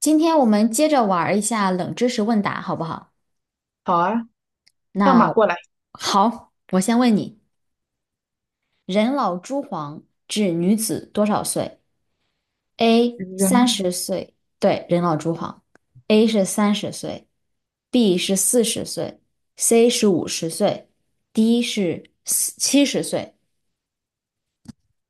今天我们接着玩儿一下冷知识问答，好不好？好啊，跳马那过来。好，我先问你：人老珠黄指女子多少岁？A 三人，十岁，对，人老珠黄，A 是三十岁，B 是四十岁，C 是五十岁，D 是七十岁。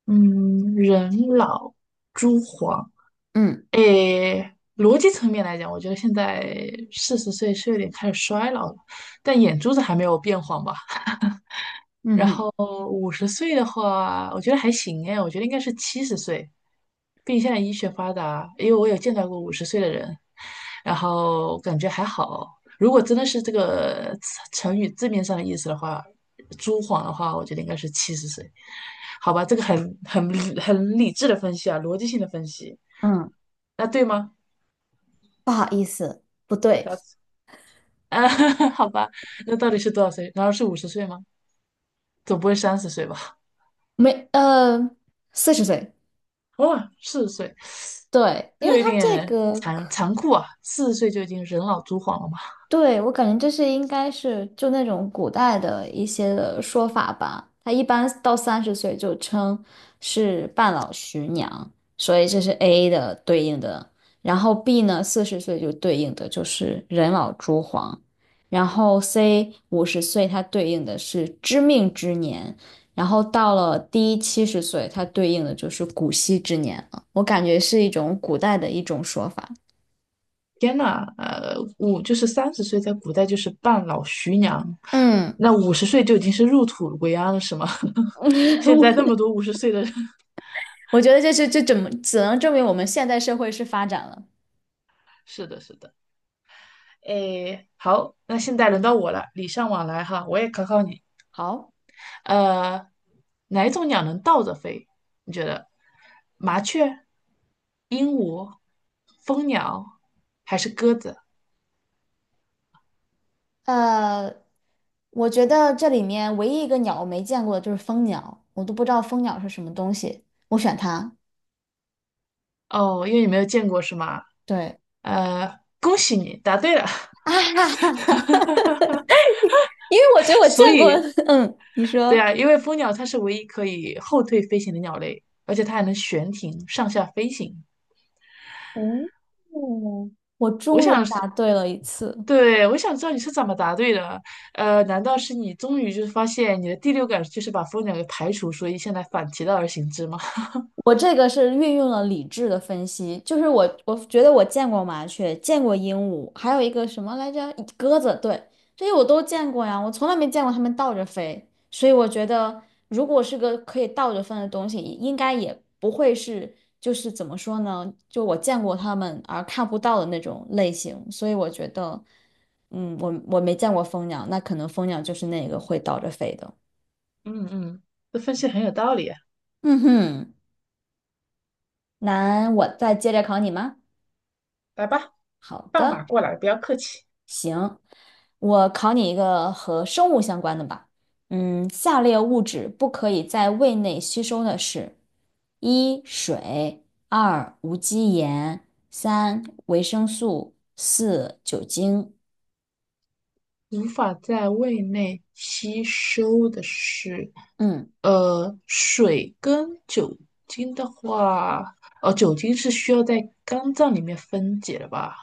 嗯，人老珠黄。嗯。诶，逻辑层面来讲，我觉得现在四十岁是有点开始衰老了，但眼珠子还没有变黄吧？嗯哼。哦，五十岁的话，我觉得还行哎，我觉得应该是七十岁，毕竟现在医学发达，因为我有见到过五十岁的人，然后感觉还好。如果真的是这个成语字面上的意思的话，朱晃的话，我觉得应该是七十岁。好吧，这个很很理智的分析啊，逻辑性的分析。嗯，那对吗？不好意思，不对。啊，好吧，那到底是多少岁？难道是五十岁吗？总不会三十岁吧？没四十岁。哇，四十岁，对，这因为个有它这点个。残酷啊！四十岁就已经人老珠黄了嘛？对，我感觉这是应该是就那种古代的一些的说法吧。他一般到三十岁就称是半老徐娘，所以这是 A 的对应的。然后 B 呢，四十岁就对应的就是人老珠黄。然后 C 五十岁，它对应的是知命之年。然后到了 D 七十岁，它对应的就是古稀之年了。我感觉是一种古代的一种说法。天呐，五就是三十岁，在古代就是半老徐娘，嗯。那五十岁就已经是入土为安了，是吗？现在那 么多50岁的人，我觉得这是这怎么只能证明我们现代社会是发展了。是的，是的。诶，好，那现在轮到我了，礼尚往来哈，我也考考你。好，呃，哪一种鸟能倒着飞？你觉得？麻雀、鹦鹉、蜂鸟还是鸽子？呃，我觉得这里面唯一一个鸟我没见过的就是蜂鸟，我都不知道蜂鸟是什么东西，我选它。哦，因为你没有见过是吗？对。 恭喜你答对了。啊，哈哈，因为我觉得 我见所过。以，嗯，你对说。啊，因为蜂鸟它是唯一可以后退飞行的鸟类，而且它还能悬停上下飞行。哦，我我终于想答是，对了一次。对，我想知道你是怎么答对的。难道是你终于就是发现你的第六感就是把蜂鸟给排除，所以现在反其道而行之吗？我这个是运用了理智的分析，就是我觉得我见过麻雀，见过鹦鹉，还有一个什么来着，鸽子，对，这些我都见过呀，我从来没见过它们倒着飞，所以我觉得如果是个可以倒着飞的东西，应该也不会是就是怎么说呢，就我见过它们而看不到的那种类型，所以我觉得，嗯，我没见过蜂鸟，那可能蜂鸟就是那个会倒着飞的。嗯嗯，这分析很有道理啊。嗯哼，那我再接着考你吗？来吧，好放马的。过来，不要客气。我考你一个和生物相关的吧。嗯，下列物质不可以在胃内吸收的是：一、水；二、无机盐；三、维生素；四、酒精。无法在胃内吸收的是，嗯。水跟酒精的话，哦，酒精是需要在肝脏里面分解的吧？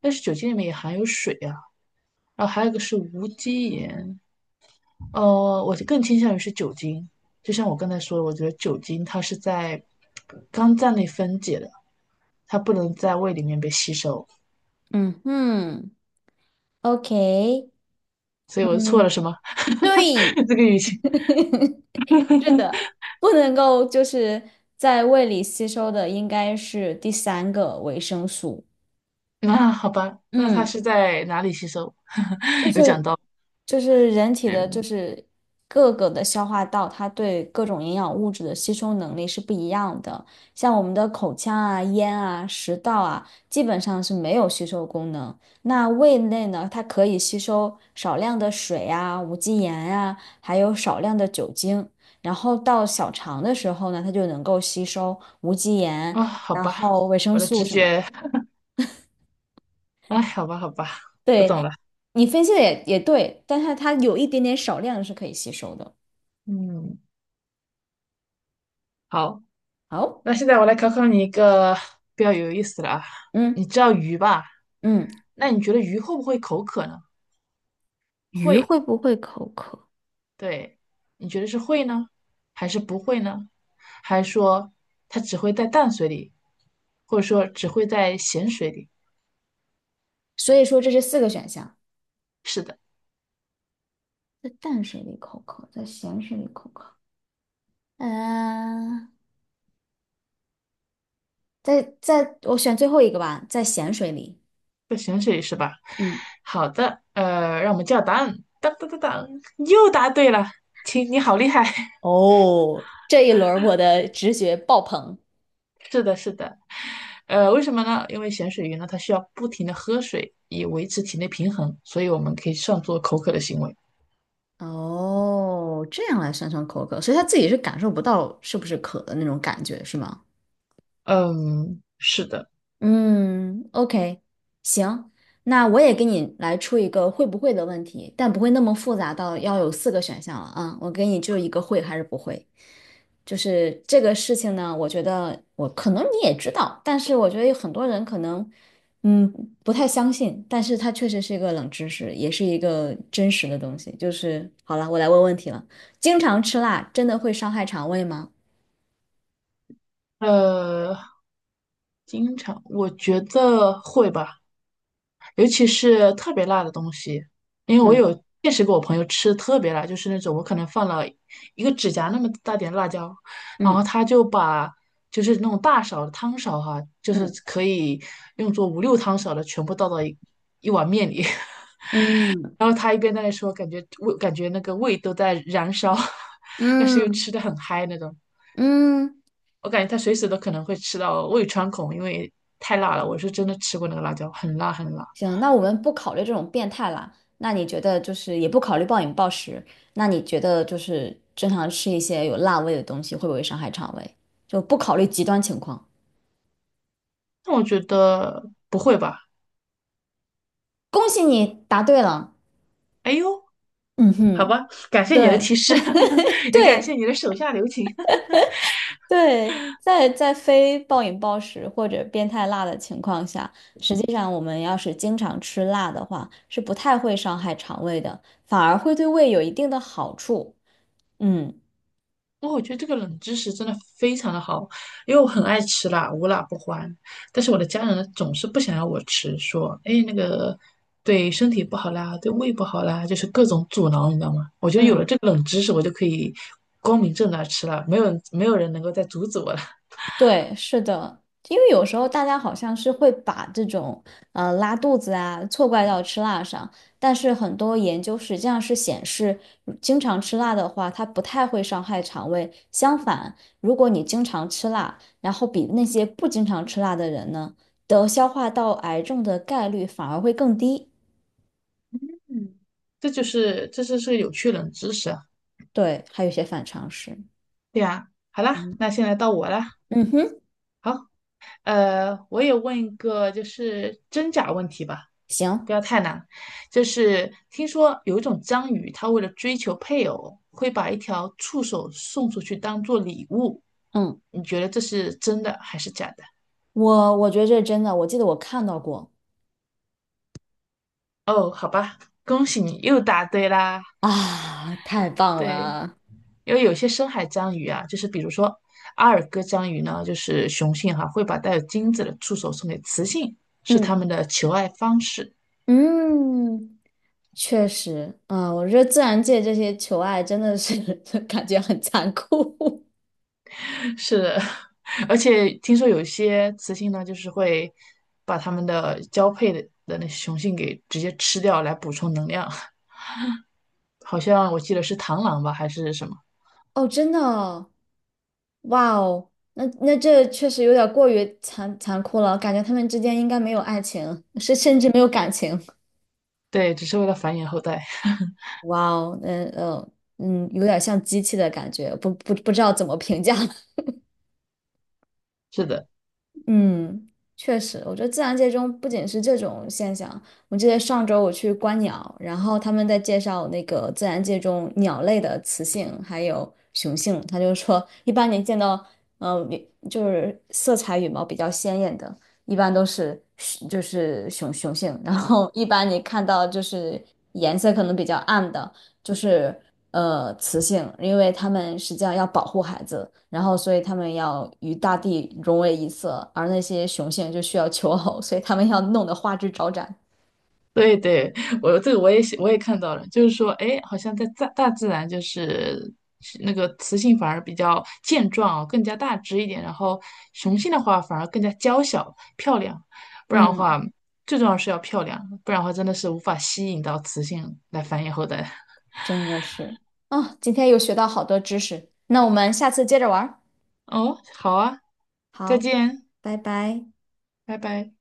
但是酒精里面也含有水啊。然后还有一个是无机盐，我更倾向于是酒精。就像我刚才说的，我觉得酒精它是在肝脏内分解的，它不能在胃里面被吸收。嗯。嗯，OK。所以我错嗯，了什么？对，这个语气。是的，不能够就是在胃里吸收的应该是第三个维生素。那好吧，那他嗯，是在哪里吸收？就 有讲是到，就是人体的，就嗯是各个的消化道，它对各种营养物质的吸收能力是不一样的。像我们的口腔啊、咽啊、食道啊，基本上是没有吸收功能。那胃内呢，它可以吸收少量的水啊、无机盐啊，还有少量的酒精。然后到小肠的时候呢，它就能够吸收无机盐，啊，好然吧，后维生我的素直什么的。觉，哎，好吧，好吧，我懂对，了。你分析的也对，但是它有一点点少量是可以吸收的。嗯，好，好。那现在我来考考你一个比较有意思的啊。嗯。你知道鱼吧？嗯。那你觉得鱼会不会口渴呢？鱼会，会不会口渴？对，你觉得是会呢，还是不会呢？还是说它只会在淡水里，或者说只会在咸水里？所以说这是四个选项，是的。在淡水里口渴，在咸水里口渴。嗯、在我选最后一个吧，在咸水里。咸水鱼是吧？嗯。好的，让我们叫答案，当当当当，又答对了，亲，你好厉害！哦，这一轮儿我的直觉爆棚。是的，是的，为什么呢？因为咸水鱼呢，它需要不停的喝水以维持体内平衡，所以我们可以算作口渴的行为。哦，这样来算算口渴，所以他自己是感受不到是不是渴的那种感觉，是吗？嗯，是的，嗯，OK,行，那我也给你来出一个会不会的问题，但不会那么复杂到要有四个选项了啊。我给你就一个会还是不会，就是这个事情呢，我觉得我可能你也知道，但是我觉得有很多人可能嗯不太相信，但是它确实是一个冷知识，也是一个真实的东西。就是好了，我来问问题了，经常吃辣真的会伤害肠胃吗？呃，经常，我觉得会吧，尤其是特别辣的东西，因为我嗯。有见识过我朋友吃特别辣，就是那种我可能放了一个指甲那么大点的辣椒，然后嗯。他就把就是那种大勺的汤勺哈、就是嗯。可以用作五六汤勺的全部倒到一碗面里，嗯。然后他一边在那说，感觉味感觉那个胃都在燃烧，但是又嗯。吃的很嗨那种。嗯。我感觉他随时都可能会吃到胃穿孔，因为太辣了。我是真的吃过那个辣椒，很辣很辣。行，那我们不考虑这种变态啦。那你觉得就是也不考虑暴饮暴食，那你觉得就是正常吃一些有辣味的东西会不会伤害肠胃？就不考虑极端情况。那我觉得不会吧？恭喜你答对了。哎呦，嗯好哼，吧，感谢你的对提示，也感谢对你的手下留情。对，在非暴饮暴食或者变态辣的情况下，实际上我们要是经常吃辣的话，是不太会伤害肠胃的，反而会对胃有一定的好处。嗯。哇，我觉得这个冷知识真的非常的好，因为我很爱吃辣，无辣不欢。但是我的家人呢，总是不想要我吃，说，哎，那个对身体不好啦，对胃不好啦，就是各种阻挠，你知道吗？我觉得有了嗯。这个冷知识，我就可以光明正大吃了，没有人能够再阻止我了。对，是的，因为有时候大家好像是会把这种拉肚子啊错怪到吃辣上，但是很多研究实际上是显示，经常吃辣的话，它不太会伤害肠胃。相反，如果你经常吃辣，然后比那些不经常吃辣的人呢，得消化道癌症的概率反而会更低。嗯，这就是有趣冷知识啊。对，还有一些反常识。对啊，好啦，嗯。那现在到我啦。嗯哼。好，我也问一个就是真假问题吧，行。不要太难。就是听说有一种章鱼，它为了追求配偶，会把一条触手送出去当做礼物。嗯，你觉得这是真的还是假的？我觉得这是真的，我记得我看到过哦，好吧，恭喜你又答对啦。啊，太棒对。了。因为有些深海章鱼啊，就是比如说阿尔戈章鱼呢，就是雄性哈、会把带有精子的触手送给雌性，是它嗯。们的求爱方式。嗯，确实啊，我觉得自然界这些求爱真的是 感觉很残酷 是的，而且听说有一些雌性呢，就是会把它们的交配的那雄性给直接吃掉来补充能量，好像我记得是螳螂吧，还是什么？哦，真的哦，哇哦，那这确实有点过于残酷了，感觉他们之间应该没有爱情，是甚至没有感情。对，只是为了繁衍后代。哇哦，嗯嗯，有点像机器的感觉，不知道怎么评价 是的。嗯，确实，我觉得自然界中不仅是这种现象。我记得上周我去观鸟，然后他们在介绍那个自然界中鸟类的雌性还有雄性，他就说，一般你见到，嗯、就是色彩羽毛比较鲜艳的，一般都是就是雄性，然后一般你看到就是颜色可能比较暗的。就是雌性，因为它们实际上要保护孩子，然后所以它们要与大地融为一色，而那些雄性就需要求偶，所以它们要弄得花枝招展，对对，我这个我也看到了，就是说，哎，好像在大自然就是是那个雌性反而比较健壮哦，更加大只一点，然后雄性的话反而更加娇小漂亮，不然的嗯，话，最重要是要漂亮，不然的话真的是无法吸引到雌性来繁衍后代。真的是。啊，今天又学到好多知识，那我们下次接着玩儿。哦，好啊，再好，见，拜拜。拜拜。